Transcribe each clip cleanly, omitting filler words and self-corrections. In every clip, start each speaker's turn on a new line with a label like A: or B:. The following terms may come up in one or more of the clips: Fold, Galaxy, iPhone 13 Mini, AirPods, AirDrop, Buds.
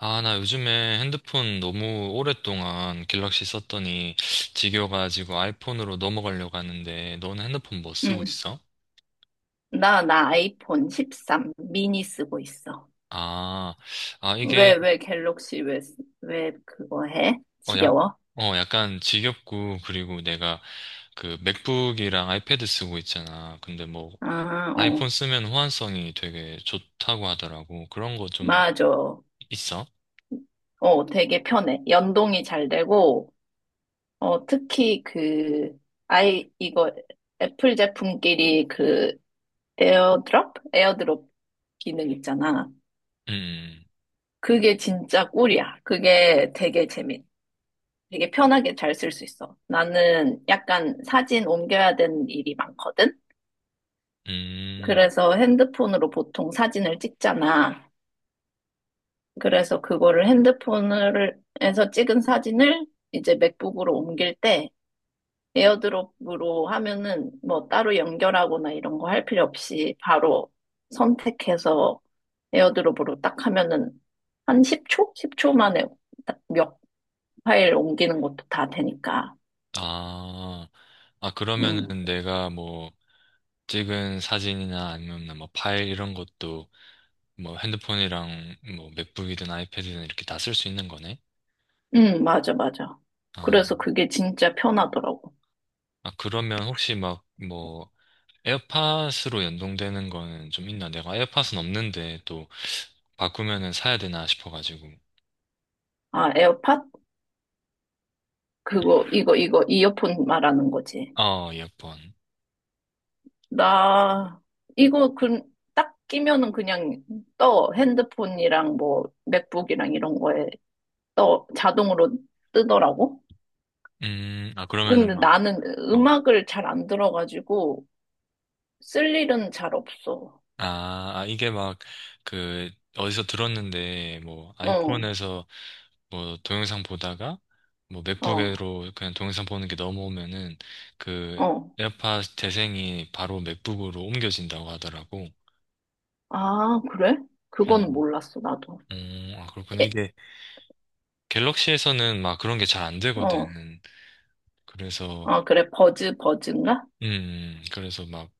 A: 아, 나 요즘에 핸드폰 너무 오랫동안 갤럭시 썼더니 지겨워가지고 아이폰으로 넘어가려고 하는데, 너는 핸드폰 뭐 쓰고
B: 응.
A: 있어?
B: 나 아이폰 13 미니 쓰고 있어.
A: 아, 아, 이게,
B: 왜 갤럭시 왜 그거 해?
A: 어, 약,
B: 지겨워?
A: 어, 약간 지겹고, 그리고 내가 그 맥북이랑 아이패드 쓰고 있잖아. 근데 뭐, 아이폰
B: 어.
A: 쓰면 호환성이 되게 좋다고 하더라고. 그런 거 좀
B: 맞아.
A: 있어?
B: 어, 되게 편해. 연동이 잘 되고, 어, 특히 그, 아이, 이거 애플 제품끼리 그 에어드롭 기능 있잖아.
A: 음,
B: 그게 진짜 꿀이야. 되게 편하게 잘 쓸 수 있어. 나는 약간 사진 옮겨야 되는 일이 많거든?
A: 음, 음.
B: 그래서 핸드폰으로 보통 사진을 찍잖아. 그래서 그거를 핸드폰에서 찍은 사진을 이제 맥북으로 옮길 때 에어드롭으로 하면은 뭐 따로 연결하거나 이런 거 할 필요 없이 바로 선택해서 에어드롭으로 딱 하면은 한 10초 만에 딱 몇 파일 옮기는 것도 다 되니까.
A: 아,
B: 음,
A: 그러면은 내가 뭐, 찍은 사진이나 아니면 뭐 파일 이런 것도 뭐 핸드폰이랑 뭐 맥북이든 아이패드든 이렇게 다 쓸 수 있는 거네?
B: 맞아, 맞아.
A: 아,
B: 그래서 그게 진짜 편하더라고.
A: 그러면 혹시 막 뭐 에어팟으로 연동되는 거는 좀 있나? 내가 에어팟은 없는데 또 바꾸면은 사야 되나 싶어가지고.
B: 아, 에어팟? 이어폰 말하는 거지.
A: 어, 이어폰.
B: 나, 이거, 그, 딱 끼면은 그냥 떠. 핸드폰이랑 뭐, 맥북이랑 이런 거에 떠. 자동으로 뜨더라고.
A: 아, 그러면은
B: 근데
A: 막,
B: 나는
A: 어.
B: 음악을 잘 안 들어가지고, 쓸 일은 잘 없어.
A: 아, 아, 이게 막, 그, 어디서 들었는데, 뭐,
B: 어,
A: 아이폰에서 뭐 동영상 보다가 뭐
B: 어,
A: 맥북으로 그냥 동영상 보는 게 넘어오면은 그
B: 어.
A: 에어팟 재생이 바로 맥북으로 옮겨진다고 하더라고.
B: 아, 그래? 그건
A: 어,
B: 몰랐어, 나도.
A: 아, 그렇구나.
B: 예,
A: 이게 갤럭시에서는 막 그런 게 잘 안 되거든.
B: 어,
A: 그래서,
B: 어, 그래. 버즈인가?
A: 음, 그래서 막,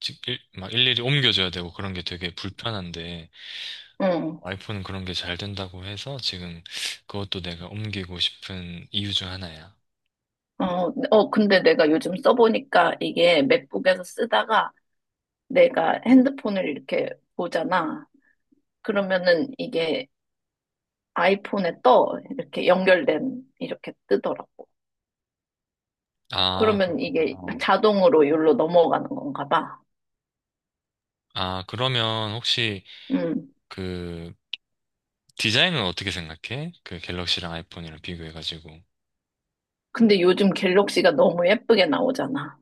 A: 지- 일, 막 일일이 옮겨줘야 되고 그런 게 되게 불편한데
B: 응.
A: 아이폰은 그런 게 잘 된다고 해서 지금 그것도 내가 옮기고 싶은 이유 중 하나야.
B: 어, 어, 근데 내가 요즘 써보니까 이게 맥북에서 쓰다가 내가 핸드폰을 이렇게 보잖아. 그러면은 이게 아이폰에 떠. 이렇게 뜨더라고.
A: 아,
B: 그러면
A: 그렇구나.
B: 이게
A: 어.
B: 자동으로 여기로 넘어가는 건가 봐.
A: 아, 그러면 혹시
B: 음.
A: 그 디자인은 어떻게 생각해? 그 갤럭시랑 아이폰이랑 비교해가지고.
B: 근데 요즘 갤럭시가 너무 예쁘게 나오잖아.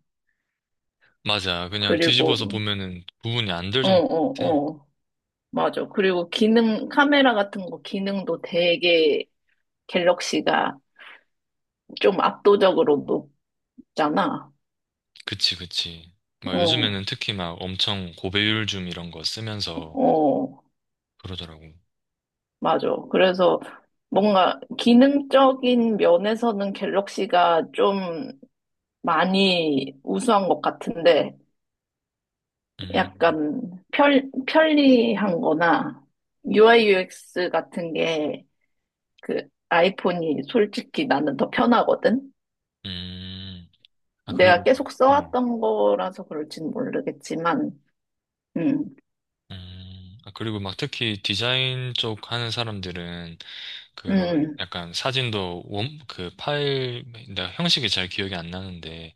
A: 맞아. 그냥 뒤집어서
B: 그리고,
A: 보면은 구분이 안 될
B: 어,
A: 정도 같아.
B: 어, 어. 맞아. 그리고 카메라 같은 거 기능도 되게 갤럭시가 좀 압도적으로 높잖아.
A: 그치, 그치. 막
B: 어,
A: 요즘에는 특히 막 엄청 고배율 줌 이런 거 쓰면서
B: 어.
A: 그러더라고.
B: 맞아. 그래서 뭔가 기능적인 면에서는 갤럭시가 좀 많이 우수한 것 같은데
A: 음,
B: 약간 편리한 거나 UI UX 같은 게 그 아이폰이 솔직히 나는 더 편하거든?
A: 음. 아,
B: 내가
A: 그리고 막,
B: 계속
A: 어.
B: 써왔던 거라서 그럴진 모르겠지만, 음,
A: 아, 그리고 막 특히 디자인 쪽 하는 사람들은 그런
B: 음,
A: 약간 사진도 그 파일, 나 형식이 잘 기억이 안 나는데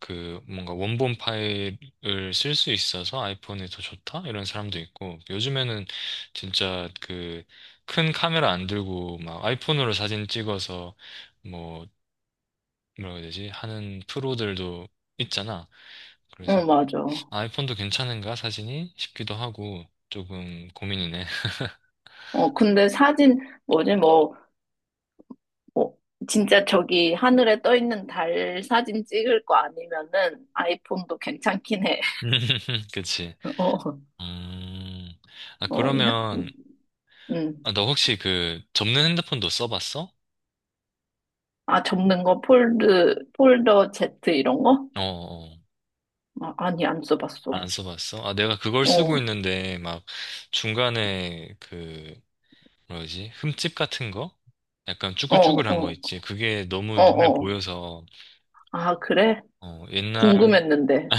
A: 그 뭔가 원본 파일을 쓸 수 있어서 아이폰이 더 좋다? 이런 사람도 있고 요즘에는 진짜 그 큰 카메라 안 들고 막 아이폰으로 사진 찍어서 뭐 뭐라고 해야 되지? 하는 프로들도 있잖아.
B: 어,
A: 그래서
B: 맞아.
A: 아이폰도 괜찮은가 사진이 싶기도 하고 조금 고민이네.
B: 어, 근데 사진, 뭐지, 뭐, 어, 진짜 저기 하늘에 떠 있는 달 사진 찍을 거 아니면은 아이폰도 괜찮긴 해.
A: 그치.
B: 어,
A: 음. 아
B: 어, 야,
A: 그러면
B: 음.
A: 아, 너 혹시 그 접는 핸드폰도 써봤어?
B: 아, 접는 거 폴더 Z 이런 거?
A: 어, 어.
B: 아, 아니, 안
A: 안
B: 써봤어.
A: 써봤어? 아 내가 그걸
B: 어,
A: 쓰고
B: 어,
A: 있는데 막 중간에 그 뭐지 흠집 같은 거? 약간
B: 어,
A: 쭈글쭈글한 거
B: 어,
A: 있지. 그게 너무 눈에
B: 어.
A: 보여서
B: 아, 그래?
A: 어, 옛날
B: 궁금했는데.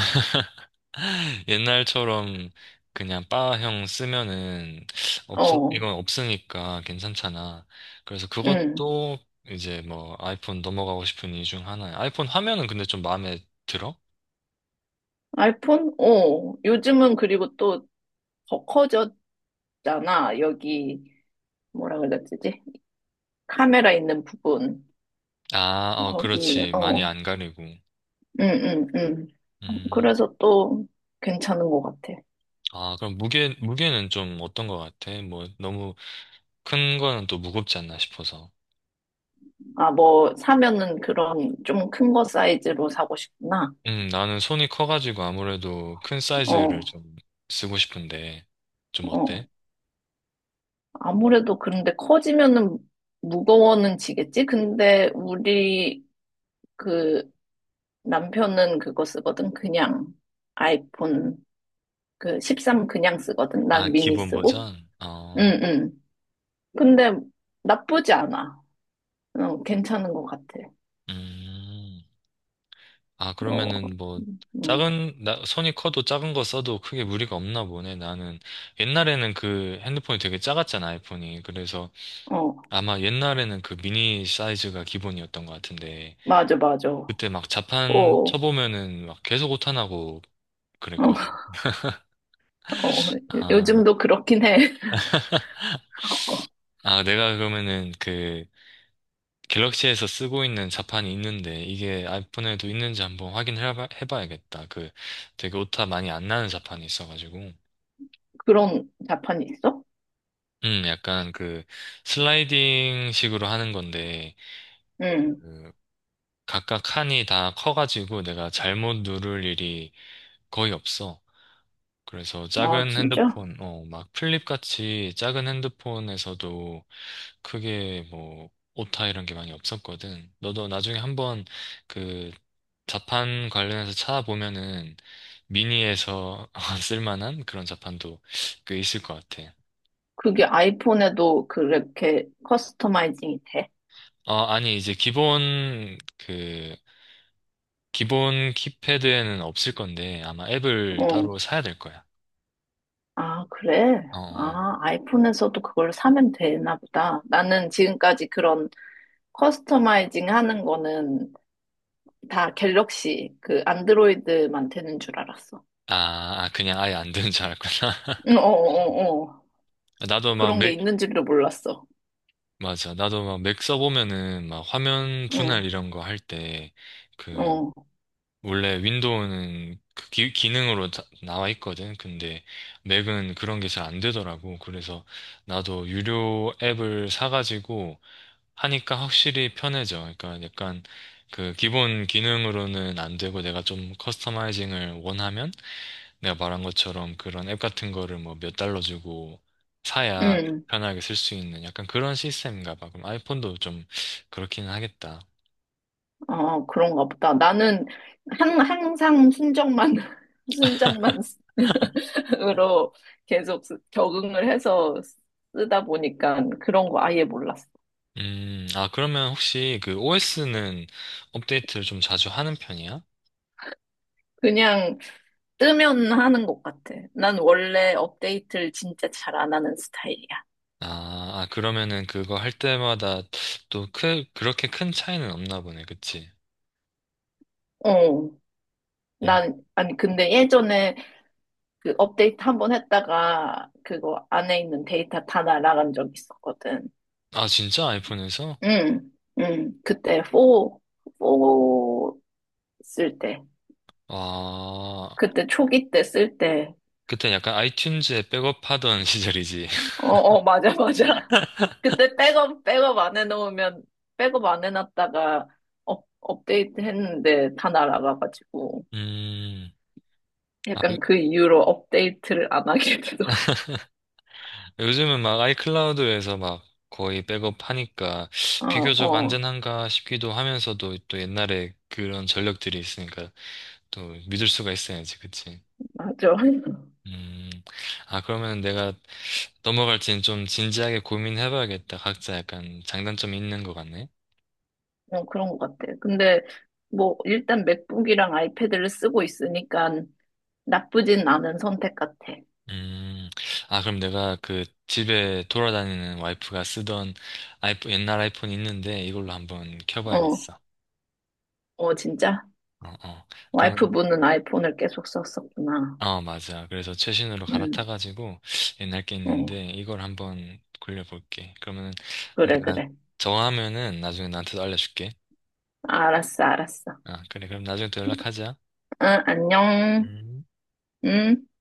A: 옛날처럼 그냥 바형 쓰면은 없어 이건
B: 어,
A: 없으니까 괜찮잖아. 그래서
B: 음.
A: 그것도 이제 뭐 아이폰 넘어가고 싶은 이유 중 하나야. 아이폰 화면은 근데 좀 마음에 들어?
B: 아이폰? 어. 요즘은 그리고 또 더 커졌잖아. 여기, 뭐라 그랬지? 카메라 있는 부분.
A: 아, 어,
B: 거기,
A: 그렇지. 많이
B: 어.
A: 안 가리고.
B: 응, 응, 응.
A: 음.
B: 그래서 또 괜찮은 것 같아.
A: 아, 그럼 무게는 좀 어떤 것 같아? 뭐 너무 큰 거는 또 무겁지 않나 싶어서.
B: 아, 뭐, 사면은 그런 좀 큰 거 사이즈로 사고 싶구나.
A: 나는 손이 커가지고 아무래도 큰 사이즈를
B: 어,
A: 좀 쓰고 싶은데 좀 어때?
B: 어. 아무래도 그런데 커지면은 무거워는 지겠지? 근데 우리 그 남편은 그거 쓰거든. 그냥 아이폰 그 13 그냥 쓰거든.
A: 아,
B: 난 미니
A: 기본
B: 쓰고.
A: 버전?
B: 응,
A: 어.
B: 응. 근데 나쁘지 않아. 어, 괜찮은 것 같아.
A: 음. 아,
B: 어,
A: 그러면은 뭐,
B: 응,
A: 작은, 나, 손이 커도 작은 거 써도 크게 무리가 없나 보네. 나는 옛날에는 그 핸드폰이 되게 작았잖아, 아이폰이. 그래서
B: 어.
A: 아마 옛날에는 그 미니 사이즈가 기본이었던 것 같은데,
B: 맞아, 맞아. 어,
A: 그때 막 자판
B: 어,
A: 쳐보면은 막 계속 오타나고 그랬거든.
B: 어,
A: 아,
B: 요즘도 그렇긴 해. 어,
A: 내가 그러면은 그 갤럭시에서 쓰고 있는 자판이 있는데, 이게 아이폰에도 있는지 한번 확인해 봐야겠다. 그 되게 오타 많이 안 나는 자판이 있어가지고.
B: 그런 자판이 있어?
A: 약간 그 슬라이딩 식으로 하는 건데,
B: 응.
A: 그 각각 칸이 다 커가지고 내가 잘못 누를 일이 거의 없어. 그래서
B: 아,
A: 작은
B: 진짜?
A: 핸드폰, 어, 막 플립 같이 작은 핸드폰에서도 크게 뭐 오타 이런 게 많이 없었거든. 너도 나중에 한번 그 자판 관련해서 찾아보면은 미니에서 쓸만한 그런 자판도 꽤 있을 것 같아.
B: 그게 아이폰에도 그렇게 커스터마이징이 돼?
A: 어, 아니, 이제 기본 키패드에는 없을 건데 아마 앱을
B: 어.
A: 따로 사야 될 거야.
B: 아, 그래?
A: 어, 어.
B: 아, 아이폰에서도 그걸 사면 되나 보다. 나는 지금까지 그런 커스터마이징 하는 거는 다 갤럭시, 그 안드로이드만 되는 줄 알았어.
A: 아, 아, 그냥 아예 안 되는 줄 알았구나.
B: 응, 어, 어, 어. 어.
A: 나도 막
B: 그런 게
A: 맥,
B: 있는 줄도 몰랐어.
A: 맞아. 나도 막 맥 써보면은 막 화면
B: 응,
A: 분할 이런 거 할 때 그,
B: 어,
A: 원래 윈도우는 그 기능으로 다- 나와 있거든. 근데 맥은 그런 게 잘 안 되더라고. 그래서 나도 유료 앱을 사가지고 하니까 확실히 편해져. 그러니까 약간 그 기본 기능으로는 안 되고 내가 좀 커스터마이징을 원하면 내가 말한 것처럼 그런 앱 같은 거를 뭐 몇 달러 주고 사야 좀
B: 응.
A: 편하게 쓸 수 있는 약간 그런 시스템인가 봐. 그럼 아이폰도 좀 그렇기는 하겠다.
B: 아, 그런가 보다. 나는 항상 순정만, 순정만 으로 계속 적응을 해서 쓰다 보니까 그런 거 아예 몰랐어.
A: 아, 그러면 혹시 그 OS는 업데이트를 좀 자주 하는 편이야?
B: 그냥 뜨면 하는 것 같아. 난 원래 업데이트를 진짜 잘 안 하는 스타일이야.
A: 아, 그러면은 그거 할 때마다 또 크, 그렇게 큰 차이는 없나 보네. 그치?
B: 어.
A: 음.
B: 난, 아니, 근데 예전에 그 업데이트 한 번 했다가 그거 안에 있는 데이터 다 날아간 적 있었거든.
A: 아, 진짜 아이폰에서?
B: 응, 응. 그때 4 쓸 때.
A: 아,
B: 그때 초기 때 쓸 때.
A: 그때 약간 아이튠즈에 백업하던 시절이지.
B: 어, 어, 맞아, 맞아. 그때 백업 안 해놓으면, 백업 안 해놨다가 업데이트 했는데 다 날아가가지고.
A: 음, 아, 요-
B: 약간 그 이후로 업데이트를 안 하게 되더라.
A: 요즘은 막 아이클라우드에서 막 거의 백업하니까
B: 어,
A: 비교적
B: 어,
A: 안전한가 싶기도 하면서도 또 옛날에 그런 전력들이 있으니까 또 믿을 수가 있어야지, 그치?
B: 맞아.
A: 음, 아, 그러면 내가 넘어갈지는 좀 진지하게 고민해봐야겠다. 각자 약간 장단점이 있는 것 같네.
B: 어, 그런 것 같아. 근데 뭐, 일단 맥북이랑 아이패드를 쓰고 있으니까 나쁘진 않은 선택 같아.
A: 음, 아, 그럼 내가 그 집에 돌아다니는 와이프가 쓰던 아이폰, 옛날 아이폰이 있는데 이걸로 한번
B: 어,
A: 켜봐야겠어.
B: 어, 진짜?
A: 어, 어. 그러면,
B: 와이프분은 아이폰을 계속 썼었구나.
A: 어, 맞아. 그래서 최신으로
B: 응
A: 갈아타가지고 옛날 게
B: 어.
A: 있는데 이걸 한번 굴려볼게. 그러면
B: 그래,
A: 내가
B: 그래.
A: 정하면은 나중에 나한테도 알려줄게.
B: 알았어, 알았어.
A: 아, 그래. 그럼 나중에 또 연락하자.
B: 응, 안녕.
A: 음.
B: 응.